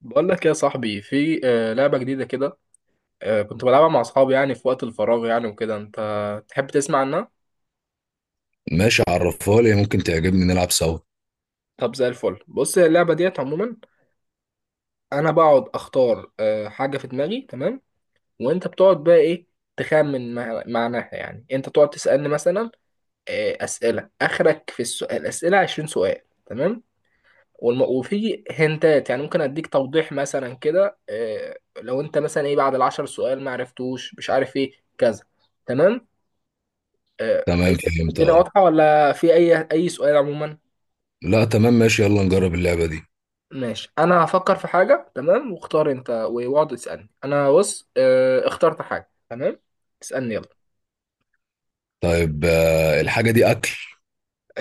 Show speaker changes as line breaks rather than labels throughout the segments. بقول لك يا صاحبي، في لعبة جديدة كده. كنت بلعبها مع أصحابي يعني في وقت الفراغ يعني وكده. أنت تحب تسمع عنها؟
ماشي، عرفها لي. ممكن تعجبني، نلعب سوا.
طب زي الفل. بص، هي اللعبة ديت عموما أنا بقعد أختار حاجة في دماغي، تمام؟ وأنت بتقعد بقى إيه، تخمن معناها، يعني أنت تقعد تسألني مثلا أسئلة. آخرك في السؤال، الأسئلة 20 سؤال، تمام؟ وفي هنتات، يعني ممكن أديك توضيح مثلا كده. لو أنت مثلا إيه بعد 10 سؤال ما عرفتوش، مش عارف إيه كذا، تمام؟ آه،
تمام، فهمت.
الدنيا
اه.
واضحة ولا في أي سؤال عموما؟
لا، تمام ماشي، يلا نجرب اللعبة دي.
ماشي، أنا هفكر في حاجة. تمام، واختار أنت واقعد تسألني. أنا بص اخترت حاجة. تمام، اسألني يلا.
طيب، الحاجة دي أكل؟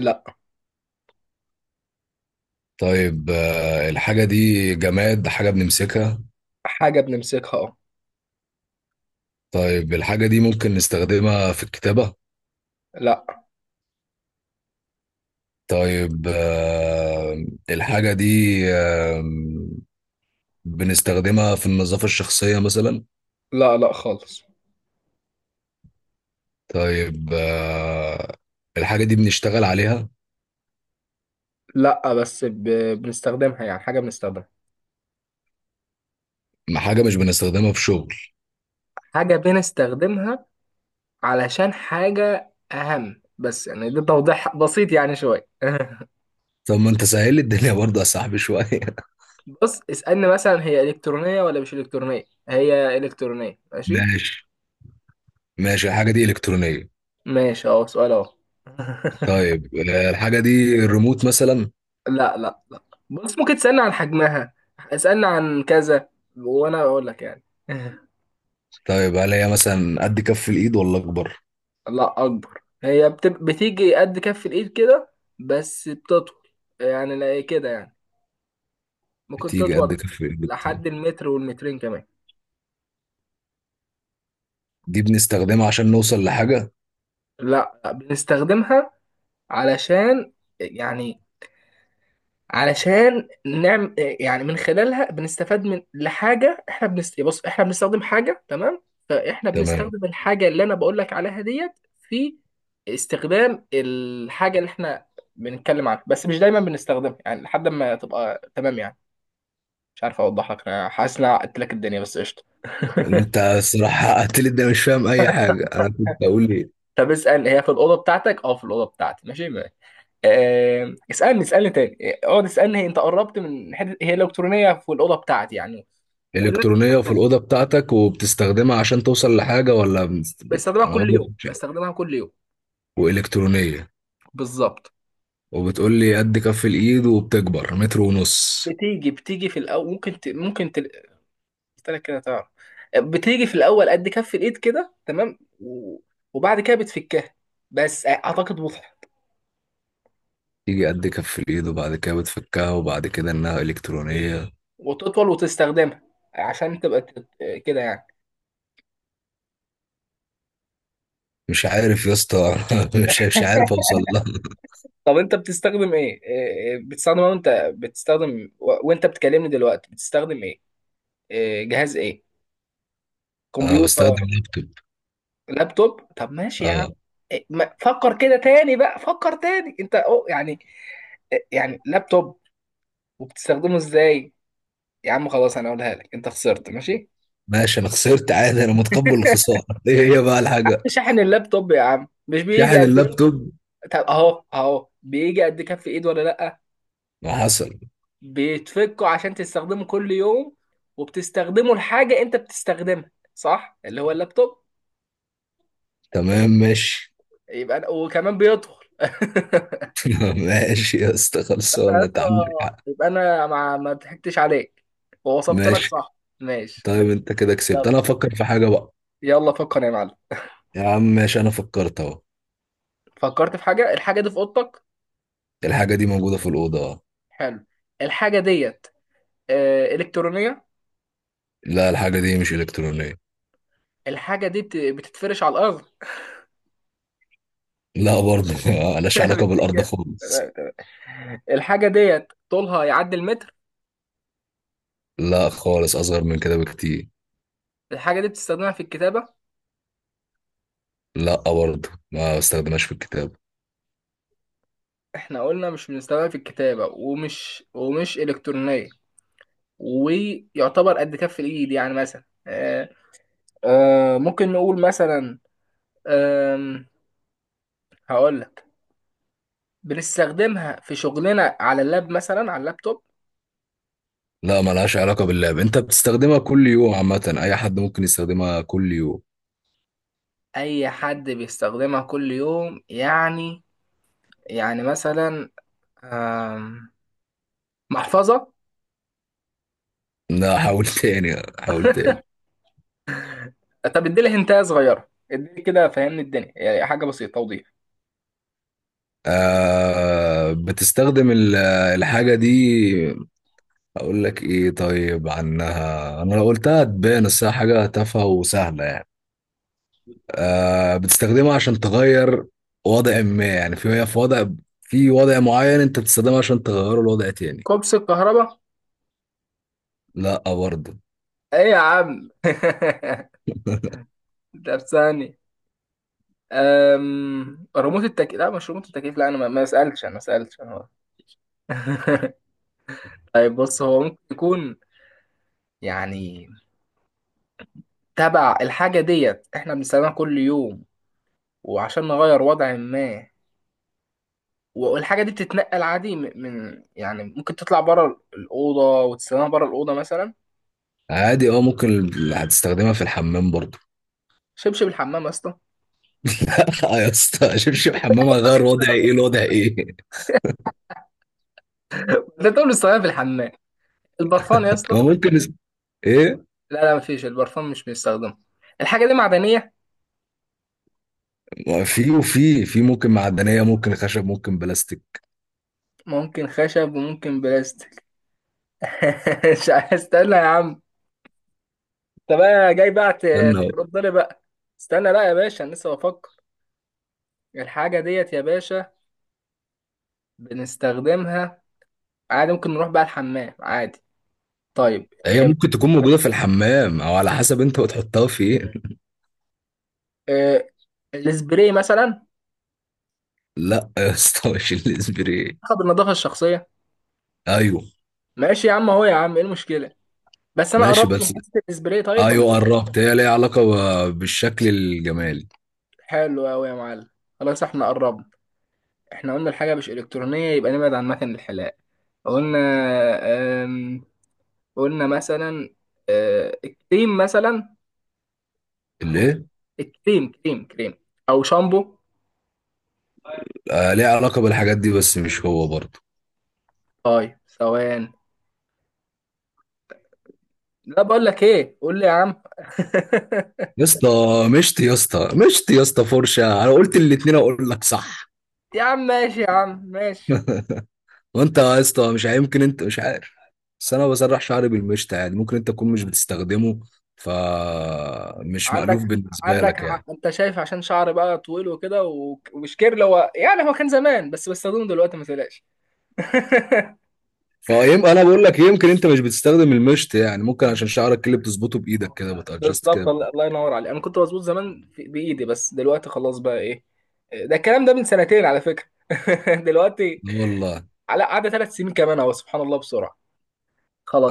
لا.
طيب، الحاجة دي جماد، حاجة بنمسكها؟
حاجة بنمسكها، اه.
طيب، الحاجة دي ممكن نستخدمها في الكتابة؟
لا،
طيب، الحاجة دي، آه، بنستخدمها في النظافة الشخصية مثلا؟
لا، لا خالص.
طيب، الحاجة دي بنشتغل عليها؟
لا، بس بنستخدمها يعني. حاجة بنستخدمها.
ما حاجة مش بنستخدمها في شغل.
حاجة بنستخدمها علشان حاجة أهم. بس يعني ده توضيح بسيط، يعني شوية.
طب ما انت سهل لي الدنيا برضه يا صاحبي شوية.
بص، اسألني مثلا هي إلكترونية ولا مش إلكترونية. هي إلكترونية، ماشي.
ماشي. الحاجة دي إلكترونية.
ماشي، اهو سؤال اهو.
طيب، الحاجة دي الريموت مثلا؟
لا، لا، لا. بص، ممكن تسألني عن حجمها، اسألني عن كذا، وانا اقول لك يعني.
طيب، هل هي مثلا قد كف الإيد ولا أكبر؟
لا، اكبر. هي بتيجي قد كف الايد كده، بس بتطول يعني. لا، إيه كده يعني، ممكن
بتيجي قد
تطول
كف الإيد.
لحد المتر والمترين كمان.
دي بنستخدمها عشان نوصل لحاجة؟
لا، بنستخدمها علشان، يعني علشان نعمل، يعني من خلالها بنستفاد من لحاجه. احنا بص، احنا بنستخدم حاجه، تمام؟ فاحنا
تمام.
بنستخدم الحاجه اللي انا بقول لك عليها ديت في استخدام الحاجه اللي احنا بنتكلم عنها. بس مش دايما بنستخدمها يعني، لحد ما تبقى تمام يعني. مش عارف اوضح لك، انا حاسس ان انا عقدت لك الدنيا، بس قشطه.
أنت الصراحة حققت لي ده، مش فاهم أي حاجة أنا كنت أقول إيه.
طب اسال، هي في الاوضه بتاعتك؟ اه في الاوضه بتاعتي، ماشي ما. اسالني، اسالني تاني. اقعد اسالني، هي انت قربت من حته، هي الكترونيه في الاوضه بتاعتي يعني وكلنا.
إلكترونية في الأوضة بتاعتك، وبتستخدمها عشان توصل لحاجة، ولا
بستخدمها
أنا
كل
برضه
يوم،
كنت شايف.
بستخدمها كل يوم.
وإلكترونية،
بالظبط.
وبتقول لي قد كف الإيد وبتكبر متر ونص.
بتيجي في الاول، ممكن ممكن قلت لك كده، تعرف، بتيجي في الاول قد كف الايد كده، تمام وبعد كده بتفكها. بس اعتقد واضحه،
تيجي قد كف الإيد وبعد كده بتفكها، وبعد كده إنها إلكترونية.
وتطول وتستخدمها عشان تبقى كده يعني.
مش عارف يا اسطى. مش عارف اوصل لها.
طب انت بتستخدم ايه؟ إيه بتستخدم، وانت بتستخدم وانت بتكلمني دلوقتي، بتستخدم ايه؟ جهاز ايه؟
اه، بستخدم
كمبيوتر؟
اللابتوب.
لابتوب، طب ماشي يا عم.
اه.
فكر كده تاني بقى، فكر تاني انت، أو يعني، يعني لابتوب، وبتستخدمه ازاي؟ يا عم خلاص انا اقولها لك، انت خسرت ماشي.
ماشي، انا خسرت عادي، انا متقبل الخساره. ايه هي بقى الحاجه؟
شاحن اللابتوب يا عم، مش بيجي
شاحن
قد؟
اللابتوب؟
طب اهو اهو، بيجي قد كف ايد ولا لا؟
ما حصل.
بيتفكه عشان تستخدمه كل يوم، وبتستخدمه لحاجه انت بتستخدمها، صح، اللي هو اللابتوب.
تمام ماشي.
يبقى وكمان بيدخل.
ماشي يا اسطى، خلصانه،
يبقى،
انت عندك حق.
انا ما ضحكتش عليك، ووصفت لك
ماشي.
صح ماشي.
طيب انت كده كسبت،
يلا،
انا افكر في حاجه بقى.
يلا فكر يا معلم.
يا عم ماشي، انا فكرت اهو.
فكرت في حاجه، الحاجه دي في اوضتك.
الحاجه دي موجوده في الاوضه، اه.
حلو، الحاجه ديت الكترونيه؟
لا، الحاجه دي مش الكترونيه.
الحاجه دي بتتفرش على الارض.
لا برضه. ملهاش علاقه بالارض
بتتج-
خالص.
الحاجه ديت طولها يعدي المتر.
لا خالص، اصغر من كده بكتير.
الحاجه دي بتستخدمها في الكتابه.
لا برضه، ما بستخدمهاش في الكتاب.
احنا قلنا مش بنستخدمها في الكتابه، ومش الكترونيه. ويعتبر قد كف الايد، يعني مثلا ممكن نقول مثلا آم، هقول لك، بنستخدمها في شغلنا على اللاب مثلا، على اللابتوب.
لا، ما لهاش علاقة باللعب، انت بتستخدمها كل يوم، عامة اي حد ممكن يستخدمها كل يوم.
اي حد بيستخدمها كل يوم يعني، يعني مثلا آم، محفظة.
لا، حاول. تاني، حاول تاني.
طب اديلي هنتايه صغيره، اديلي كده فهمني الدنيا يعني. حاجه بسيطه، توضيح.
آه بتستخدم ال- الحاجة دي، اقول لك ايه طيب عنها، انا لو قلتها تبان، بس هي حاجة تافهة وسهلة يعني. آه، بتستخدمها عشان تغير وضع ما يعني، في هي في وضع، في وضع معين انت بتستخدمها عشان تغيره لوضع تاني.
كوبس الكهرباء؟
لا برضه.
ايه يا عم. طب ثاني ريموت التكييف؟ لا، مش ريموت التكييف، لا انا ما سالتش، انا ما سالتش انا. طيب بص، هو ممكن يكون يعني تبع الحاجه ديت، احنا بنستخدمها كل يوم وعشان نغير وضع ما. والحاجه دي بتتنقل عادي، يعني ممكن تطلع بره الاوضه وتستخدمها بره الاوضه مثلا.
عادي اه، ممكن هتستخدمها في الحمام برضو.
شبشب الحمام يا اسطى؟
لا يا اسطى، شبشب حمام هيغير وضعي؟ ايه الوضع ايه؟
ده تقول لي استخدمها في الحمام. البرفان يا اسطى؟
ما ممكن اس- ايه.
لا، لا، مفيش، البرفان مش بيستخدمه. الحاجة دي معدنية.
ما في ممكن معدنيه، ممكن خشب، ممكن بلاستيك.
ممكن خشب وممكن بلاستيك. مش استنى يا عم، انت بقى جاي بقى
استنى.
ترد لي بقى. استنى بقى يا باشا، انا لسه بفكر. الحاجة ديت يا باشا بنستخدمها عادي، ممكن نروح بقى الحمام عادي. طيب
هي
هي
ممكن تكون موجوده في الحمام، او على حسب انت بتحطها في ايه.
آه، السبراي مثلا؟
لا يا اسطى، مش الاسبري.
اخد النظافة الشخصية.
ايوه
ماشي يا عم، اهو يا عم، ايه المشكلة؟ بس انا
ماشي،
قربت من
بس.
حتة السبراي، طيب ولا
ايوه
إيه؟
قربت، هي ليها علاقه بالشكل الجمالي.
حلو قوي يا معلم. خلاص احنا قربنا. احنا قلنا الحاجة مش إلكترونية، يبقى نبعد عن مكن الحلاقة. قلنا أم... قلنا مثلا أه... كريم مثلا. أو
الايه؟
كريم، كريم، كريم، أو شامبو.
آه، ليها علاقه بالحاجات دي، بس مش هو برضه.
طيب ثواني، لا بقول لك إيه، قول لي يا عم.
يا اسطى مشت، يا اسطى مشت يا اسطى، فرشه. انا قلت الاتنين، اقول لك صح.
يا عم ماشي، يا عم ماشي.
وانت يا اسطى، مش هيمكن انت مش عارف، بس انا بسرح شعري بالمشط، يعني ممكن انت تكون مش بتستخدمه، فمش
عندك،
مألوف بالنسبه لك يعني.
انت شايف عشان شعر بقى طويل وكده، ومش كيرل هو، يعني هو كان زمان، بس بستخدمه دلوقتي، ما تقلقش.
فيم انا بقول لك، يمكن انت مش بتستخدم المشط، يعني ممكن عشان شعرك اللي بتظبطه بايدك كده، بتادجست كده
بالظبط، الله
بإيدك.
الله ينور عليك. انا كنت مظبوط زمان بايدي، بس دلوقتي خلاص بقى ايه. ده الكلام ده من سنتين على فكره. دلوقتي
لا والله.
على قعدة 3 سنين كمان اهو، سبحان الله بسرعه.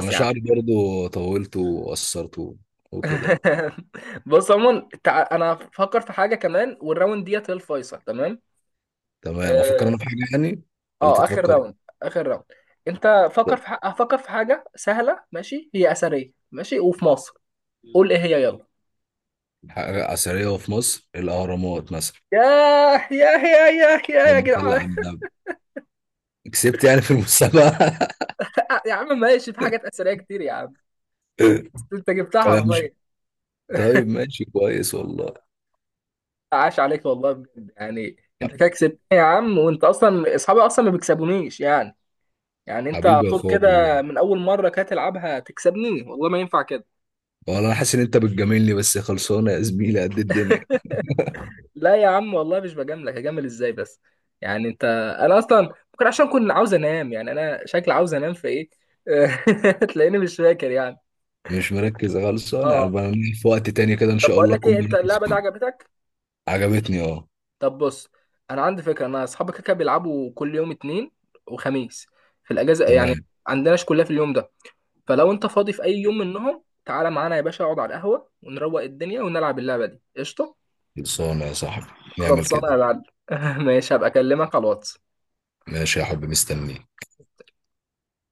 انا
يا عم.
شعري برضو طولته وقصرته وكده بقى.
بص عموما، انا فكر في حاجه كمان، والراوند ديت هي الفيصل، تمام؟
تمام، افكر
اه،
انا في حاجه يعني، ولا
اخر
تتفكر؟
راوند. اخر راوند، انت فكر في فكر في حاجه سهله، ماشي. هي اثريه ماشي وفي مصر، قول ايه هي، يلا.
حاجه اثريه في مصر، الاهرامات مثلا.
ياه، ياه، ياه، ياه، ياه، يا
اللهم صل
جدعان.
على النبي، كسبت يعني في المسابقة.
يا عم ماشي، في حاجات اثريه كتير يا عم، انت جبتها
طب مش
حرفيا.
طيب ماشي، كويس والله.
عاش عليك والله، بجد يعني.
ح-
انت كده كسبتني يا عم، وانت اصلا اصحابي اصلا ما بيكسبونيش يعني. يعني انت على
حبيبي يا
طول
اخويا والله.
كده من اول مره كده تلعبها تكسبني، والله ما ينفع كده.
والله انا حاسس ان انت بتجاملني، بس خلصانه يا زميلي قد الدنيا.
لا يا عم والله، مش بجاملك، هجامل ازاي بس؟ يعني انا اصلا ممكن عشان كنت عاوز انام، يعني انا شكلي عاوز انام في ايه. تلاقيني مش فاكر يعني،
مش مركز، خلصانه انا
اه.
بقى. في وقت تاني كده ان
طب
شاء
بقول
الله
لك
اكون
ايه، انت
مركز
اللعبه دي
فيه.
عجبتك؟
عجبتني اه.
طب بص، انا عندي فكره. انا اصحابي كده كده بيلعبوا كل يوم اتنين وخميس في الاجازه يعني،
تمام،
عندناش كلها في اليوم ده. فلو انت فاضي في اي يوم منهم تعالى معانا يا باشا، اقعد على القهوه، ونروق الدنيا ونلعب اللعبه دي، قشطه.
خلصانه يا صاحبي، نعمل
خلصانه يا
كده.
معلم. ماشي، هبقى اكلمك على الواتس.
ماشي يا حبيبي، مستنيك.